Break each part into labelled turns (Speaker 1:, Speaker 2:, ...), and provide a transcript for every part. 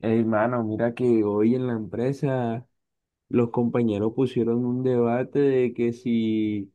Speaker 1: Hermano, mira que hoy en la empresa los compañeros pusieron un debate de que si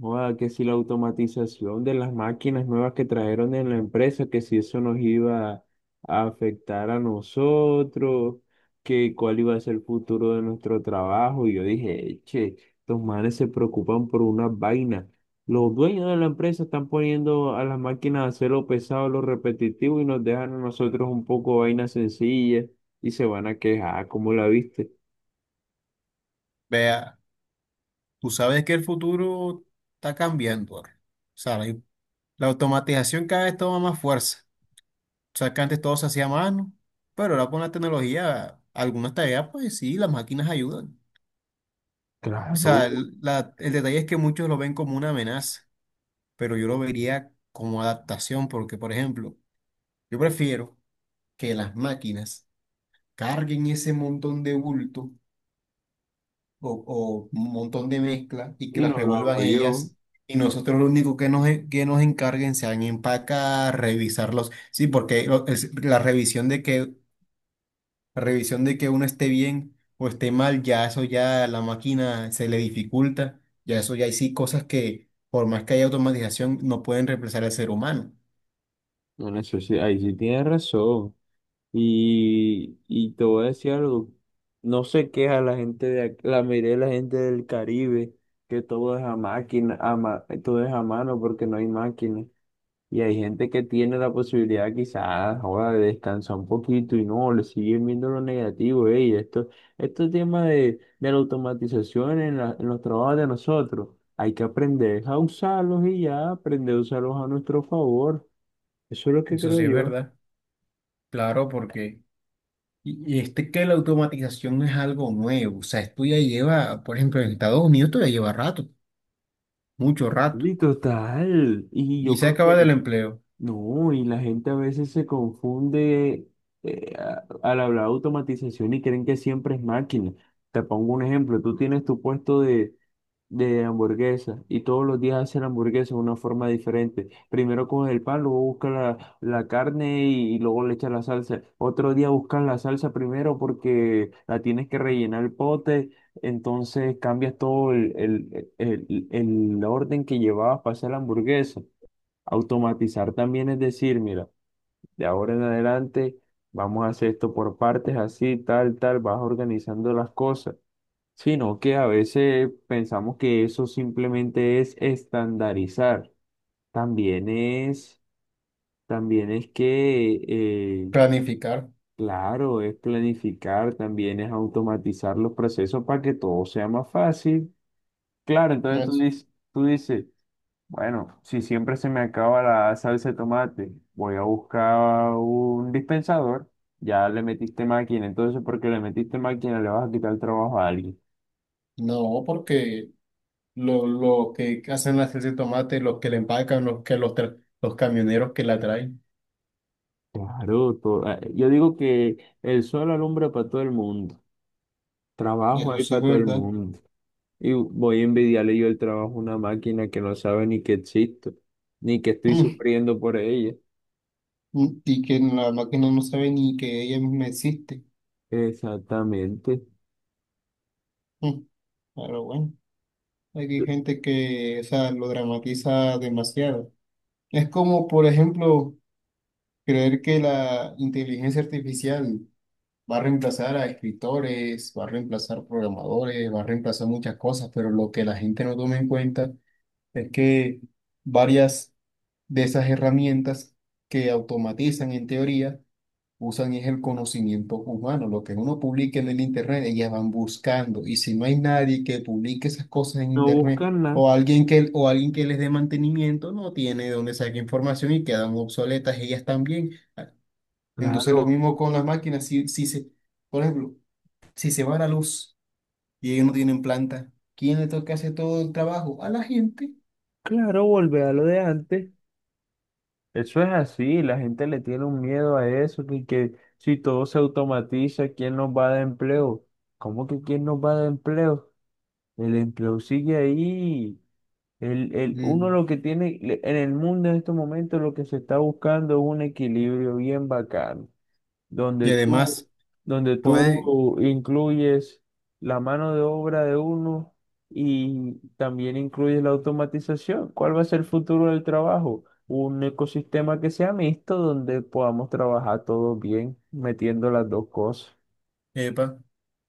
Speaker 1: joda, que si la automatización de las máquinas nuevas que trajeron en la empresa, que si eso nos iba a afectar a nosotros, que cuál iba a ser el futuro de nuestro trabajo. Y yo dije, che, estos manes se preocupan por una vaina. Los dueños de la empresa están poniendo a las máquinas a hacer lo pesado, lo repetitivo y nos dejan a nosotros un poco vainas sencillas y se van a quejar. ¿Cómo la viste?
Speaker 2: Vea, tú sabes que el futuro está cambiando ahora. O sea, la automatización cada vez toma más fuerza. O sea, que antes todo se hacía a mano, pero ahora con la tecnología, algunas tareas, pues sí, las máquinas ayudan. O
Speaker 1: Claro,
Speaker 2: sea, el detalle es que muchos lo ven como una amenaza, pero yo lo vería como adaptación, porque, por ejemplo, yo prefiero que las máquinas carguen ese montón de bulto o un montón de mezcla y que
Speaker 1: y
Speaker 2: las
Speaker 1: no lo
Speaker 2: revuelvan
Speaker 1: hago yo.
Speaker 2: ellas. Y nosotros lo único que nos encarguen sean empacar, revisarlos. Sí, porque la revisión de que uno esté bien o esté mal, ya eso ya a la máquina se le dificulta. Ya eso ya hay sí cosas que, por más que haya automatización, no pueden reemplazar al ser humano.
Speaker 1: No, eso sí, ahí sí tienes razón. Y te voy a decir algo, no se queja la gente de la mayoría de la gente del Caribe, que todo es a máquina, a todo es a mano porque no hay máquina. Y hay gente que tiene la posibilidad quizás ahora de descansar un poquito y no, le siguen viendo lo negativo, ey, esto, este tema de la automatización en, en los trabajos de nosotros, hay que aprender a usarlos y ya, aprender a usarlos a nuestro favor. Eso es lo que
Speaker 2: Eso
Speaker 1: creo
Speaker 2: sí es
Speaker 1: yo.
Speaker 2: verdad. Claro, porque... Y este que la automatización no es algo nuevo, o sea, esto ya lleva, por ejemplo, en Estados Unidos esto ya lleva rato, mucho rato.
Speaker 1: Sí, total. Y
Speaker 2: Y
Speaker 1: yo
Speaker 2: se
Speaker 1: creo
Speaker 2: acaba
Speaker 1: que
Speaker 2: del empleo.
Speaker 1: no, y la gente a veces se confunde al hablar de automatización y creen que siempre es máquina. Te pongo un ejemplo, tú tienes tu puesto de hamburguesa y todos los días hacen hamburguesa de una forma diferente. Primero coge el pan, luego buscas la carne y luego le echas la salsa. Otro día buscas la salsa primero porque la tienes que rellenar el pote, entonces cambias todo el orden que llevabas para hacer la hamburguesa. Automatizar también es decir, mira, de ahora en adelante vamos a hacer esto por partes, así, tal, tal, vas organizando las cosas, sino que a veces pensamos que eso simplemente es estandarizar. También es, también es que,
Speaker 2: Planificar.
Speaker 1: claro, es planificar, también es automatizar los procesos para que todo sea más fácil. Claro,
Speaker 2: No,
Speaker 1: entonces tú dices, bueno, si siempre se me acaba la salsa de tomate, voy a buscar un dispensador. Ya le metiste máquina, entonces porque le metiste máquina le vas a quitar el trabajo a alguien.
Speaker 2: no, porque lo que hacen las salsa de tomate, los que la empacan, los que los camioneros que la traen.
Speaker 1: Claro, yo digo que el sol alumbra para todo el mundo, trabajo
Speaker 2: Eso
Speaker 1: hay
Speaker 2: sí es
Speaker 1: para todo el
Speaker 2: verdad.
Speaker 1: mundo. Y voy a envidiarle yo el trabajo a una máquina que no sabe ni que existo, ni que estoy
Speaker 2: Mm,
Speaker 1: sufriendo por ella.
Speaker 2: mm, y que la máquina no sabe ni que ella misma existe.
Speaker 1: Exactamente.
Speaker 2: Mm, pero bueno, hay gente que, o sea, lo dramatiza demasiado. Es como, por ejemplo, creer que la inteligencia artificial va a reemplazar a escritores, va a reemplazar programadores, va a reemplazar muchas cosas, pero lo que la gente no toma en cuenta es que varias de esas herramientas que automatizan en teoría usan es el conocimiento humano, lo que uno publica en el internet, ellas van buscando y si no hay nadie que publique esas cosas en
Speaker 1: No
Speaker 2: internet
Speaker 1: buscan nada.
Speaker 2: o alguien que les dé mantenimiento no tiene de dónde sacar información y quedan obsoletas ellas también. Entonces lo
Speaker 1: Claro,
Speaker 2: mismo con las máquinas, si, si se por ejemplo, si se va la luz y ellos no tienen planta, ¿quién le toca hacer todo el trabajo? A la gente.
Speaker 1: claro, volver a lo de antes. Eso es así, la gente le tiene un miedo a eso, que si todo se automatiza, ¿quién nos va a dar empleo? ¿Cómo que quién nos va a dar empleo? El empleo sigue ahí. Uno
Speaker 2: Mm.
Speaker 1: lo que tiene en el mundo en estos momentos lo que se está buscando es un equilibrio bien bacano,
Speaker 2: Y
Speaker 1: donde tú,
Speaker 2: además,
Speaker 1: donde
Speaker 2: puede,
Speaker 1: tú incluyes la mano de obra de uno y también incluyes la automatización. ¿Cuál va a ser el futuro del trabajo? Un ecosistema que sea mixto donde podamos trabajar todos bien, metiendo las dos cosas.
Speaker 2: epa,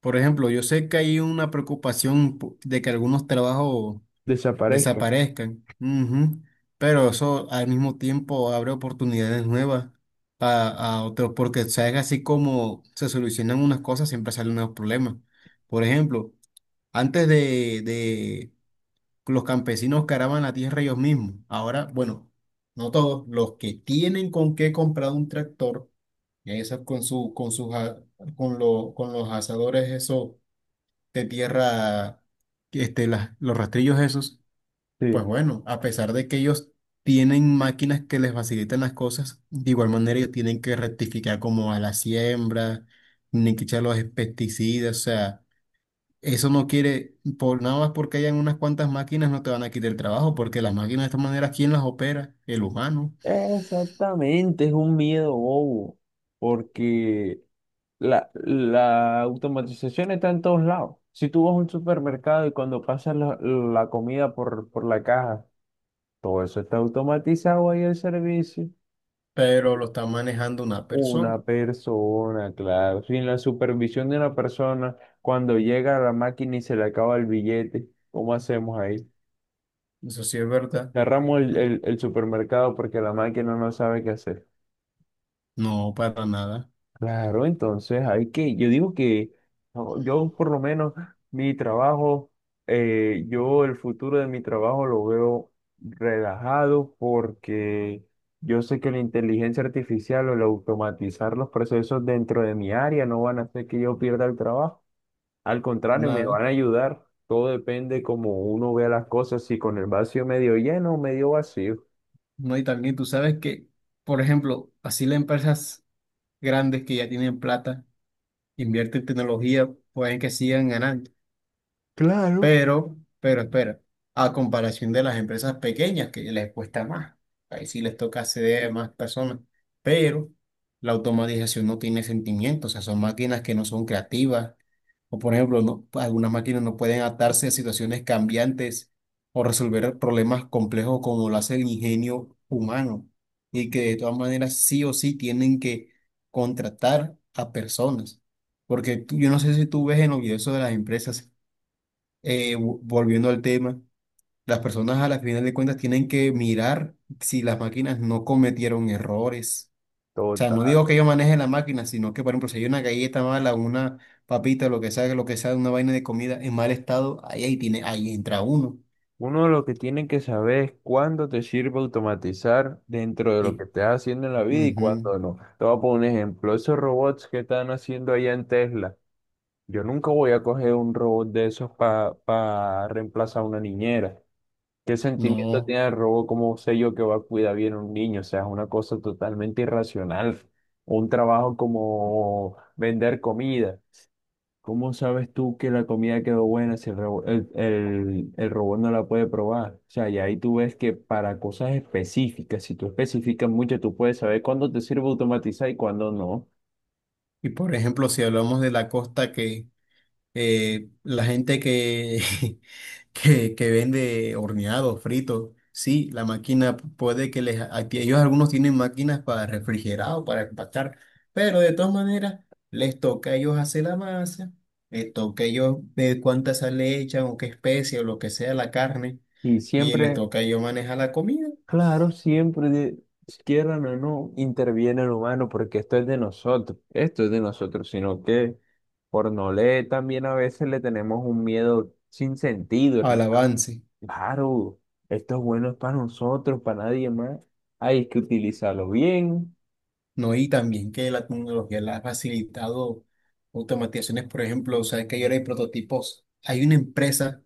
Speaker 2: por ejemplo, yo sé que hay una preocupación de que algunos trabajos
Speaker 1: Desaparezca.
Speaker 2: desaparezcan, ujú, pero eso al mismo tiempo abre oportunidades nuevas a, a otros, porque sabes así como se solucionan unas cosas, siempre salen nuevos problemas. Por ejemplo, antes de, los campesinos que araban la tierra ellos mismos. Ahora, bueno, no todos, los que tienen con qué comprar un tractor, y esos con su, con sus, a- con lo- con los asadores esos de tierra, que, este, los rastrillos esos, pues
Speaker 1: Sí.
Speaker 2: bueno, a pesar de que ellos tienen máquinas que les facilitan las cosas, de igual manera ellos tienen que rectificar como a la siembra, ni que echar los pesticidas, o sea. Eso no quiere, por nada más porque hayan unas cuantas máquinas, no te van a quitar el trabajo, porque las máquinas de esta manera, ¿quién las opera? El humano,
Speaker 1: Exactamente, es un miedo bobo, porque la automatización está en todos lados. Si tú vas a un supermercado y cuando pasas la comida por la caja, todo eso está automatizado ahí el servicio.
Speaker 2: pero lo está manejando una persona.
Speaker 1: Una persona, claro, sin la supervisión de una persona, cuando llega a la máquina y se le acaba el billete, ¿cómo hacemos ahí?
Speaker 2: Eso sí es verdad.
Speaker 1: Cerramos el supermercado porque la máquina no sabe qué hacer.
Speaker 2: No, para nada,
Speaker 1: Claro, entonces hay que, yo digo que no, yo por lo menos mi trabajo, yo el futuro de mi trabajo lo veo relajado porque yo sé que la inteligencia artificial o el automatizar los procesos dentro de mi área no van a hacer que yo pierda el trabajo. Al contrario, me
Speaker 2: nada.
Speaker 1: van a ayudar. Todo depende cómo uno vea las cosas, si con el vacío medio lleno o medio vacío.
Speaker 2: No, y también tú sabes que, por ejemplo, así las empresas grandes que ya tienen plata, invierten en tecnología, pueden que sigan ganando.
Speaker 1: Claro.
Speaker 2: Pero espera, a comparación de las empresas pequeñas que les cuesta más, ahí sí les toca acceder a más personas, pero la automatización no tiene sentimientos, o sea, son máquinas que no son creativas, o por ejemplo, no- algunas máquinas no pueden adaptarse a situaciones cambiantes o resolver problemas complejos como lo hace el ingenio humano, y que de todas maneras sí o sí tienen que contratar a personas, porque tú- yo no sé si tú ves en los videos de las empresas volviendo al tema, las personas a la final de cuentas tienen que mirar si las máquinas no cometieron errores. O sea, no digo que yo maneje la máquina, sino que, por ejemplo, si hay una galleta mala, una papita, lo que sea, una vaina de comida en mal estado, ahí, ahí tiene, ahí entra uno.
Speaker 1: Uno lo que tiene que saber es cuándo te sirve automatizar dentro de lo
Speaker 2: Y,
Speaker 1: que estás haciendo en la vida y
Speaker 2: ujú,
Speaker 1: cuándo no. Te voy a poner un ejemplo. Esos robots que están haciendo allá en Tesla. Yo nunca voy a coger un robot de esos para reemplazar a una niñera. ¿Qué sentimiento
Speaker 2: no.
Speaker 1: tiene el robot? ¿Cómo sé yo que va a cuidar bien a un niño? O sea, es una cosa totalmente irracional. Un trabajo como vender comida. ¿Cómo sabes tú que la comida quedó buena si el, rebo- el robot no la puede probar? O sea, y ahí tú ves que para cosas específicas, si tú especificas mucho, tú puedes saber cuándo te sirve automatizar y cuándo no.
Speaker 2: Y por ejemplo, si hablamos de la costa que la gente que, que vende horneados, fritos, sí, la máquina puede que les... Ellos algunos tienen máquinas para refrigerado, para empacar, pero de todas maneras les toca a ellos hacer la masa, les toca a ellos ver cuánta sal le echan o qué especie o lo que sea la carne,
Speaker 1: Y
Speaker 2: y les
Speaker 1: siempre,
Speaker 2: toca a ellos manejar la comida
Speaker 1: claro, siempre, quieran o no, interviene el humano porque esto es de nosotros, esto es de nosotros, sino que por no leer también a veces le tenemos un miedo sin sentido.
Speaker 2: al avance,
Speaker 1: Claro, esto es bueno para nosotros, para nadie más. Hay que utilizarlo bien.
Speaker 2: ¿no? Y también que la tecnología la ha facilitado automatizaciones, por ejemplo, o sea, que ahora hay prototipos. Hay una empresa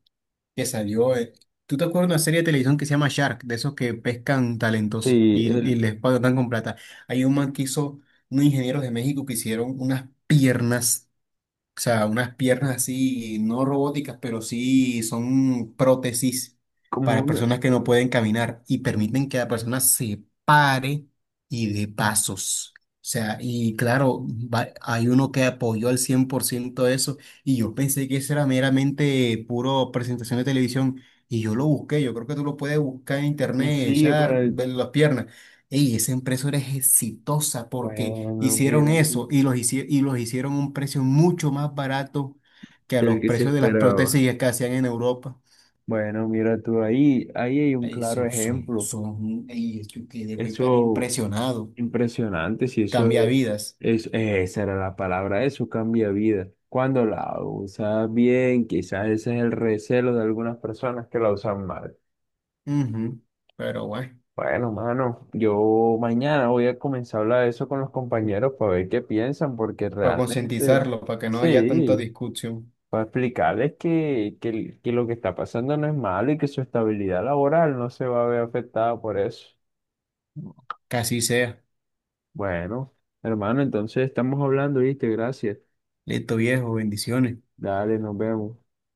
Speaker 2: que salió. ¿Tú te acuerdas de una serie de televisión que se llama Shark, de esos que pescan talentos
Speaker 1: Sí,
Speaker 2: y
Speaker 1: el,
Speaker 2: les pagan con plata? Hay un man que hizo, unos ingenieros de México que hicieron unas piernas. O sea, unas piernas así, no robóticas, pero sí son prótesis
Speaker 1: como
Speaker 2: para
Speaker 1: una,
Speaker 2: personas que no pueden caminar y permiten que la persona se pare y de pasos. O sea, y claro, hay uno que apoyó al 100% eso y yo pensé que eso era meramente puro presentación de televisión y yo lo busqué, yo creo que tú lo puedes buscar en
Speaker 1: y
Speaker 2: internet,
Speaker 1: sigue con
Speaker 2: echar,
Speaker 1: el.
Speaker 2: ver las piernas. Ey, esa empresa era exitosa porque
Speaker 1: Bueno,
Speaker 2: hicieron
Speaker 1: mira tú.
Speaker 2: eso y los, y los hicieron a un precio mucho más barato que a
Speaker 1: El
Speaker 2: los
Speaker 1: que se
Speaker 2: precios de las
Speaker 1: esperaba.
Speaker 2: prótesis que hacían en Europa.
Speaker 1: Bueno, mira tú, ahí, ahí hay un
Speaker 2: Ahí
Speaker 1: claro
Speaker 2: son, son,
Speaker 1: ejemplo.
Speaker 2: son, y yo quedé muy
Speaker 1: Eso
Speaker 2: impresionado.
Speaker 1: impresionante, si eso
Speaker 2: Cambia
Speaker 1: es,
Speaker 2: vidas.
Speaker 1: esa era la palabra, eso cambia vida. Cuando la usas bien, quizás ese es el recelo de algunas personas que la usan mal.
Speaker 2: Ujú. Pero bueno,
Speaker 1: Bueno, mano, yo mañana voy a comenzar a hablar de eso con los compañeros para ver qué piensan, porque ah,
Speaker 2: para
Speaker 1: realmente,
Speaker 2: concientizarlo, para que no haya tanta
Speaker 1: sí,
Speaker 2: discusión.
Speaker 1: para explicarles que lo que está pasando no es malo y que su estabilidad laboral no se va a ver afectada por eso.
Speaker 2: Casi sea.
Speaker 1: Bueno, hermano, entonces estamos hablando, ¿viste? Gracias.
Speaker 2: Listo, viejo, bendiciones.
Speaker 1: Dale, nos vemos.